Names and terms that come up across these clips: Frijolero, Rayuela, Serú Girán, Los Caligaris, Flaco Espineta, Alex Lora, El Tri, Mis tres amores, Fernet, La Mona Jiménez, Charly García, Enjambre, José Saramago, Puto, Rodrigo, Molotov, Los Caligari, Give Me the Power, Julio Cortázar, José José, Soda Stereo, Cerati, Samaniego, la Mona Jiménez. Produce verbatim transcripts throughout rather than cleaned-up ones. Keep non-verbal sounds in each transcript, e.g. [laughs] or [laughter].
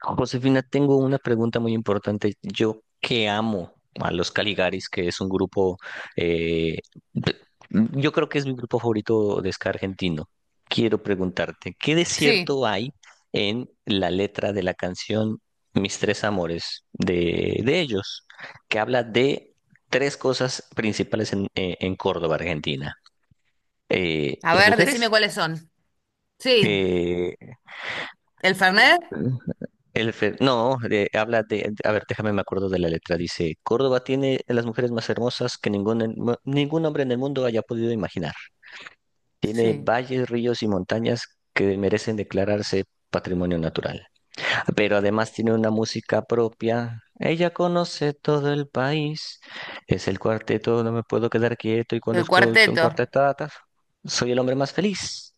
Josefina, tengo una pregunta muy importante. Yo que amo a los Caligaris, que es un grupo, eh, p- yo creo que es mi grupo favorito de ska argentino. Quiero preguntarte, ¿qué Sí. desierto hay en la letra de la canción Mis tres amores de, de ellos, que habla de tres cosas principales en, eh, en Córdoba, Argentina? Eh, A las ver, decime mujeres, cuáles son. Sí. eh, ¿El Fernet? el fe- No, de- habla de. A ver, déjame, me acuerdo de la letra. Dice, Córdoba tiene a las mujeres más hermosas que ningún, en- mu- ningún hombre en el mundo haya podido imaginar. Tiene Sí. valles, ríos y montañas que merecen declararse patrimonio natural. Pero además tiene una música propia. Ella conoce todo el país. Es el cuarteto, no me puedo quedar quieto y cuando El escucho un cuarteto. cuarteto, soy el hombre más feliz.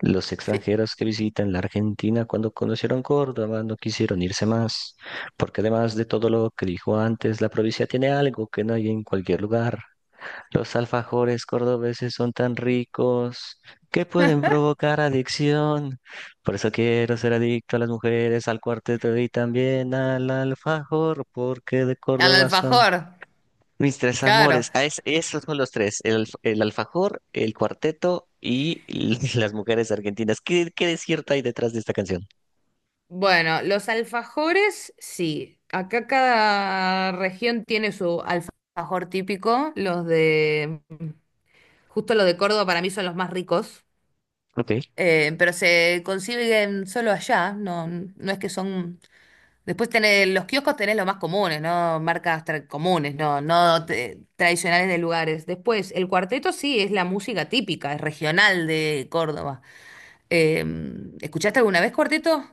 Los Sí. extranjeros que visitan la Argentina cuando conocieron Córdoba no quisieron irse más, porque además de todo lo que dijo antes, la provincia tiene algo que no hay en cualquier lugar. Los alfajores cordobeses son tan ricos que pueden provocar adicción. Por eso quiero ser adicto a las mujeres, al cuarteto y también al alfajor, porque de Al Córdoba son. alfajor. Mis tres Claro. amores. Ah, es- esos son los tres. El, alf- el alfajor, el cuarteto y [laughs] las mujeres argentinas. ¿Qué, qué desierto hay detrás de esta canción? Bueno, los alfajores, sí. Acá cada región tiene su alfajor típico. Los de, justo los de Córdoba para mí son los más ricos. Ok. Eh, pero se consiguen solo allá. No, no es que son. Después tenés, los kioscos tenés los más comunes, ¿no? Marcas tra- comunes, no, no te- tradicionales de lugares. Después, el cuarteto sí es la música típica, es regional de Córdoba. Eh, ¿Escuchaste alguna vez cuarteto?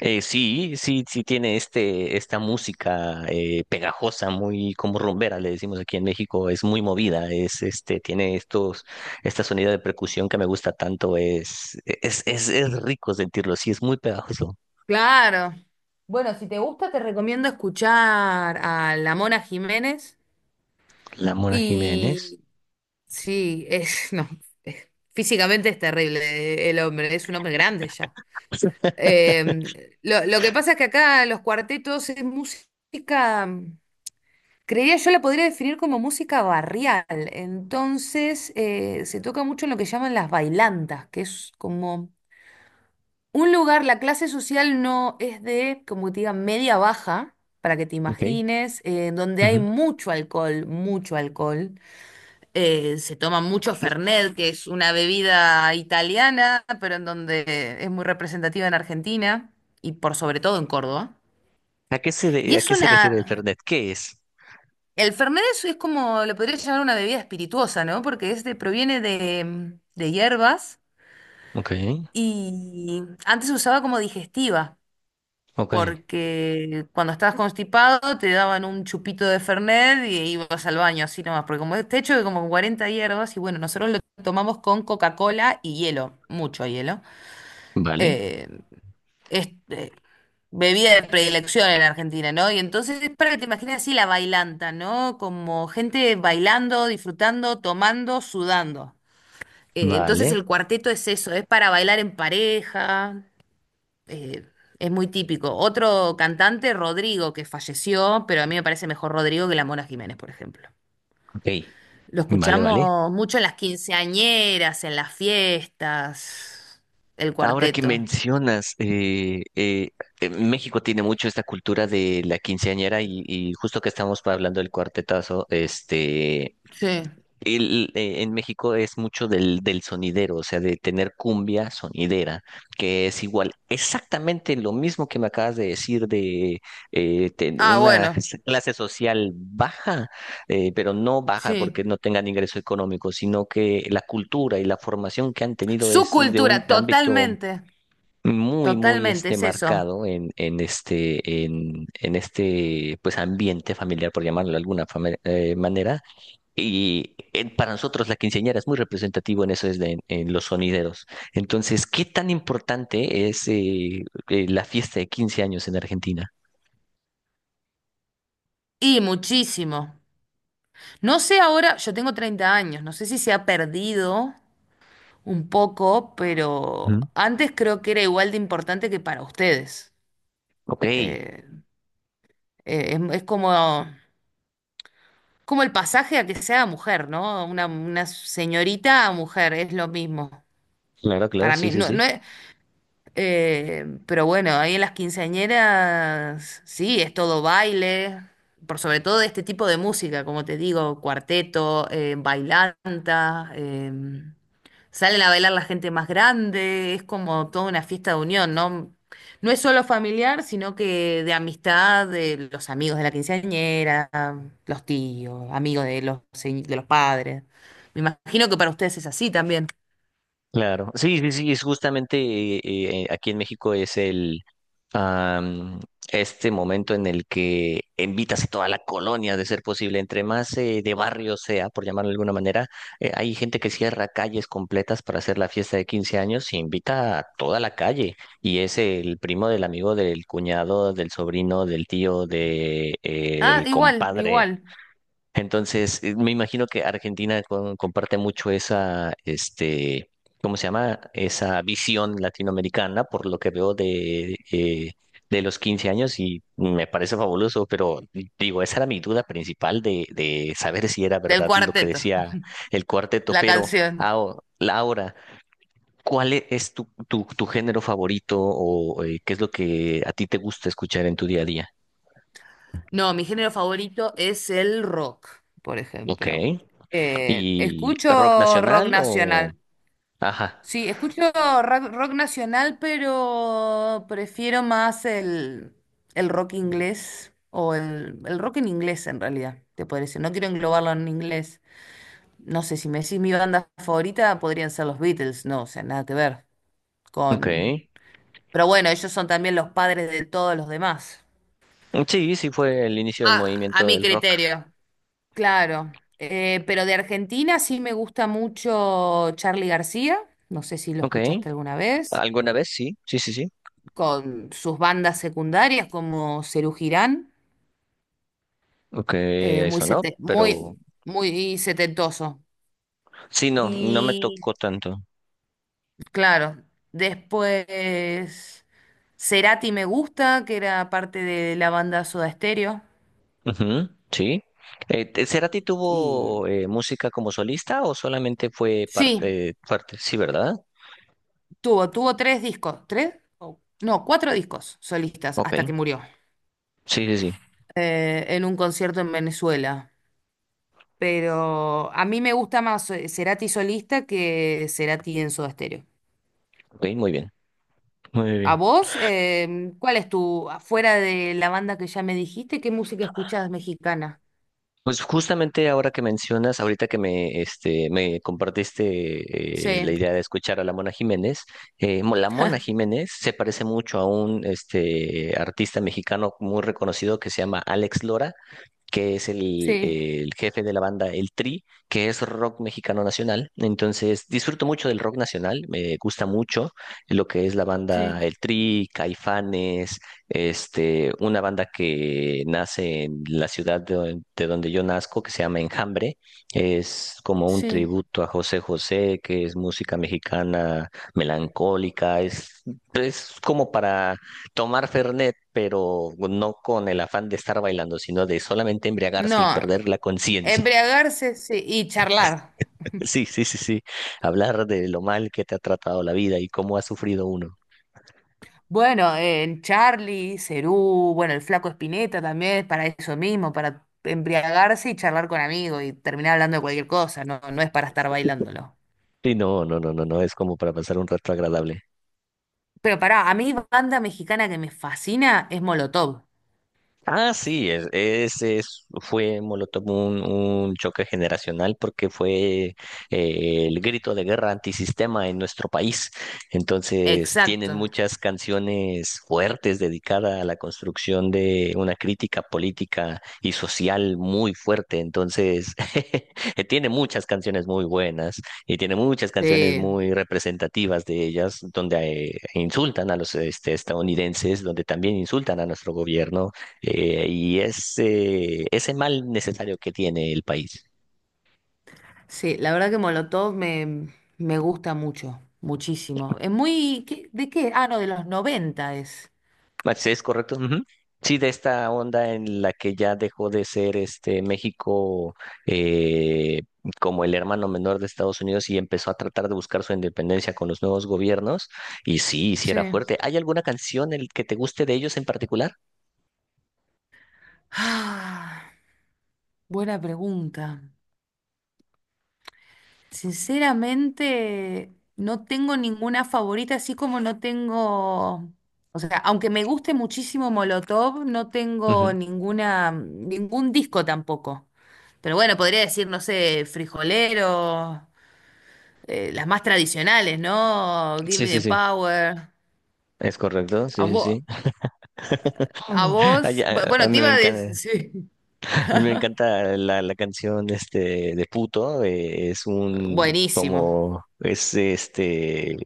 Eh, sí, sí, sí, tiene este, esta música, eh, pegajosa, muy como rumbera, le decimos aquí en México, es muy movida, es este, tiene estos, esta sonido de percusión que me gusta tanto, es, es, es, es rico sentirlo, sí, es muy pegajoso. Claro. Bueno, si te gusta, te recomiendo escuchar a la Mona Jiménez. La Mona Jiménez. Y sí, es, [laughs] no, es- físicamente es terrible, eh, el hombre, es un hombre grande ya. [laughs] Eh, lo, lo que pasa es que acá los cuartetos es música. Creería yo la podría definir como música barrial. Entonces, eh, se toca mucho en lo que llaman las bailantas, que es como un lugar, la clase social no es de, como te diga, media baja, para que te Ok. imagines, eh, donde hay Ujú. mucho alcohol, mucho alcohol. Eh, se toma mucho Fernet, que es una bebida italiana, pero en donde es muy representativa en Argentina y por sobre todo en Córdoba. ¿A qué se, Y de- a es qué se refiere el una Fernet? ¿Qué es? El Fernet es, es como, lo podría llamar una bebida espirituosa, ¿no? Porque este proviene de, de hierbas Ok, y antes se usaba como digestiva, ok. porque cuando estabas constipado te daban un chupito de Fernet y ibas al baño así nomás, porque como este hecho de como cuarenta hierbas y bueno, nosotros lo tomamos con Coca-Cola y hielo, mucho hielo. Vale, eh, este, Bebida de predilección en Argentina, ¿no? Y entonces es para que te imagines así la bailanta, ¿no? Como gente bailando, disfrutando, tomando, sudando. Eh, entonces vale, el cuarteto es eso, es para bailar en pareja, eh, es muy típico. Otro cantante, Rodrigo, que falleció, pero a mí me parece mejor Rodrigo que la Mona Jiménez, por ejemplo. ok. Lo Vale, vale. escuchamos mucho en las quinceañeras, en las fiestas, el Ahora que cuarteto. mencionas, eh, eh, eh, México tiene mucho esta cultura de la quinceañera y, y justo que estamos pa- hablando del cuartetazo, este, Sí. el, eh, en México es mucho del, del sonidero, o sea, de tener cumbia sonidera, que es igual, exactamente lo mismo que me acabas de decir de eh, ten- Ah, una bueno, clase social baja, eh, pero no baja porque sí. no tengan ingreso económico, sino que la cultura y la formación que han tenido Su es de un cultura, ámbito totalmente, muy, muy totalmente, este es eso. marcado en, en este, en, en este pues ambiente familiar, por llamarlo de alguna fame- eh, manera, y eh, para nosotros la quinceañera es muy representativo en eso, es de- en, los sonideros. Entonces, ¿qué tan importante es eh, eh, la fiesta de quince años en Argentina? Y muchísimo. No sé ahora, yo tengo treinta años, no sé si se ha perdido un poco, pero Ujú. antes creo que era igual de importante que para ustedes. Ok, Eh, eh, es, es como, como el pasaje a que sea mujer, ¿no? Una, una señorita a mujer, es lo mismo. claro, claro, Para sí, mí, sí, no, sí. no es. Eh, pero bueno, ahí en las quinceañeras, sí, es todo baile, por sobre todo de este tipo de música, como te digo, cuarteto, eh, bailanta, eh, salen a bailar la gente más grande, es como toda una fiesta de unión, ¿no? No es solo familiar, sino que de amistad, de los amigos de la quinceañera, los tíos, amigos de los, se- de los padres. Me imagino que para ustedes es así también. Claro, sí, sí, sí, es justamente eh, eh, aquí en México es el am, este momento en el que invitas a toda la colonia, de ser posible, entre más eh, de barrio sea, por llamarlo de alguna manera, eh, hay gente que cierra calles completas para hacer la fiesta de quince años y invita a toda la calle y es el primo del amigo del cuñado, del sobrino, del tío, del Ah, igual, compadre. igual, Entonces, eh, me imagino que Argentina con- comparte mucho esa, este, ¿cómo se llama? Esa visión latinoamericana, por lo que veo de, eh, de los quince años y me parece fabuloso, pero digo, esa era mi duda principal de, de saber si era del verdad lo que cuarteto. decía el cuarteto, La pero canción. ao- Laura, ¿cuál e- es tu, tu, tu género favorito o eh, qué es lo que a ti te gusta escuchar en tu día a día? No, mi género favorito es el rock, por Ok. ejemplo. Eh, ¿Y rock Escucho rock nacional o...? nacional. Ajá. Sí, escucho rock, rock nacional, pero prefiero más el, el rock inglés o el, el rock en inglés en realidad, te podría decir. No quiero englobarlo en inglés. No sé, si me decís mi banda favorita, podrían ser los Beatles. No, o sea, nada que ver Ok. con... Pero bueno, ellos son también los padres de todos los demás. Sí, sí fue el inicio del A, a movimiento mi del rock. criterio. Claro, eh, pero de Argentina sí me gusta mucho Charly García, no sé si lo Ok. escuchaste alguna vez, ¿Alguna vez? Sí, sí, sí, sí. con sus bandas secundarias como Serú Girán, Ok, eh, muy, eso no, sete- pero muy, muy setentoso. sí, no, no me Y tocó tanto. claro, después Cerati me gusta, que era parte de la banda Soda Stereo. Ujú, sí. Eh, te- ¿Cerati Y tuvo eh, música como solista o solamente fue sí, parte, parte? Sí, ¿verdad? tuvo, tuvo tres discos, tres, o- no, cuatro discos solistas Ok. hasta que murió, Sí, sí, sí. eh, en un concierto en Venezuela. Pero a mí me gusta más eh, Cerati solista que Cerati en Soda Stereo. Ok, muy bien. Muy ¿A bien. vos? Eh, ¿cuál es tu, afuera de la banda que ya me dijiste, qué música escuchás mexicana? Pues justamente ahora que mencionas, ahorita que me, este, me compartiste eh, la Sí, idea de escuchar a la Mona Jiménez, eh, mo- la Mona Jiménez se parece mucho a un este, artista mexicano muy reconocido que se llama Alex Lora, que es el, sí, el jefe de la banda El Tri, que es rock mexicano nacional. Entonces, disfruto mucho del rock nacional, me gusta mucho lo que es la sí, banda El Tri, Caifanes, este, una banda que nace en la ciudad de, de donde yo nazco, que se llama Enjambre. Es como un sí. tributo a José José, que es música mexicana melancólica, es, es como para tomar Fernet, pero no con el afán de estar bailando, sino de solamente embriagarse y No, perder la conciencia. embriagarse, sí, y charlar. [laughs] Sí, sí, sí, sí. Hablar de lo mal que te ha tratado la vida y cómo ha sufrido uno. Bueno, eh, en Charlie, Cerú, bueno, el Flaco Espineta también es para eso mismo, para embriagarse y charlar con amigos y terminar hablando de cualquier cosa, no, no es para estar bailándolo. Sí, no, no, no, no, no, es como para pasar un rato agradable. Pero pará, a mí banda mexicana que me fascina es Molotov. Ah, sí, es- ese es- fue Molotov un, un choque generacional porque fue eh, el grito de guerra antisistema en nuestro país. Entonces, tienen Exacto. muchas canciones fuertes dedicadas a la construcción de una crítica política y social muy fuerte. Entonces, [laughs] tiene muchas canciones muy buenas y tiene muchas canciones Sí, muy representativas de ellas, donde eh, insultan a los este, estadounidenses, donde también insultan a nuestro gobierno, eh, y ese, ese mal necesario que tiene el país. sí, la verdad que Molotov me, me gusta mucho, muchísimo. Es muy... ¿qué- ¿De qué? Ah, no, de los noventa es. Ah, sí, es correcto. Ujú. Sí, de esta onda en la que ya dejó de ser este México, eh, como el hermano menor de Estados Unidos y empezó a tratar de buscar su independencia con los nuevos gobiernos. Y sí, sí Sí. era fuerte. ¿Hay alguna canción el que te guste de ellos en particular? Ah, buena pregunta. Sinceramente, no tengo ninguna favorita, así como no tengo, o sea, aunque me guste muchísimo Molotov, no tengo Ujú. ninguna, ningún disco tampoco. Pero bueno, podría decir, no sé, Frijolero, eh, las más tradicionales, ¿no? Give Sí, Me sí, the sí. Power. Es correcto, A sí, sí, vos, sí. a [laughs] Ay, vos, a- bu- a bueno, mí te me iba a encanta. decir, [laughs] sí. [laughs] Me encanta la, la canción este de Puto, eh, es un Buenísimo. como es este eh,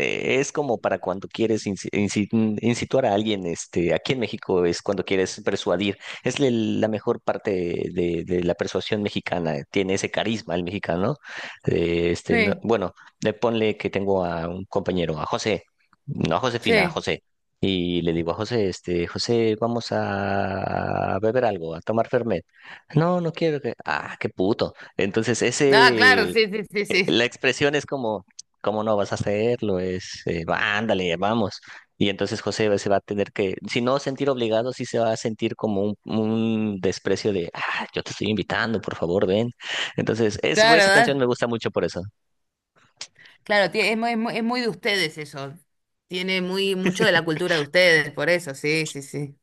es como para cuando quieres insi- insi- incituar a alguien, este aquí en México es cuando quieres persuadir, es el- la mejor parte de, de la persuasión mexicana, tiene ese carisma el mexicano. eh, este no- Sí, bueno, le ponle que tengo a un compañero, a José, no a Josefina, a sí. José. Y le digo a José, este, José, vamos a beber algo, a tomar Fernet. No, no quiero que. Ah, qué puto. Entonces, Ah, claro, ese. sí, sí, sí, eh, sí. La expresión es como, ¿cómo no vas a hacerlo? Es, eh, va, ándale, vamos. Y entonces José se va a tener que, si no sentir obligado, sí se va a sentir como un, un desprecio de, ah, yo te estoy invitando, por favor, ven. Entonces, es, esa canción Claro, me gusta mucho por eso. claro, tie- es muy, es muy, es muy de ustedes eso. Tiene muy mucho de la cultura de ustedes, por eso, sí, sí, sí.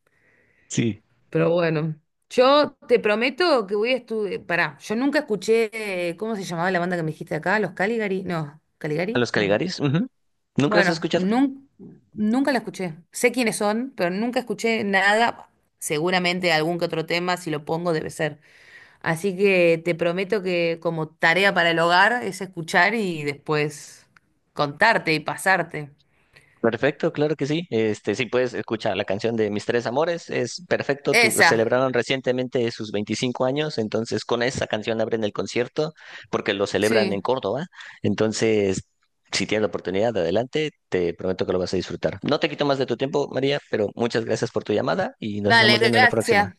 Sí. Pero bueno, yo te prometo que voy a estudiar. Pará, yo nunca escuché, eh, ¿cómo se llamaba la banda que me dijiste acá? ¿Los Caligari? No, ¿A ¿Caligari? los No. Caligaris? Ujú. ¿Nunca las has Bueno, escuchado? nun- nunca la escuché. Sé quiénes son, pero nunca escuché nada. Seguramente algún que otro tema, si lo pongo, debe ser. Así que te prometo que como tarea para el hogar es escuchar y después contarte y pasarte. Perfecto, claro que sí. Este, sí puedes escuchar la canción de Mis Tres Amores, es perfecto. Tu- Esa, Celebraron recientemente sus veinticinco años, entonces con esa canción abren el concierto porque lo celebran en sí. Córdoba. Entonces, si tienes la oportunidad, adelante, te prometo que lo vas a disfrutar. No te quito más de tu tiempo, María, pero muchas gracias por tu llamada y nos Dale, estamos viendo en la próxima. gracias.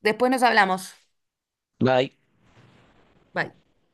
Después nos hablamos. Bye. Bye.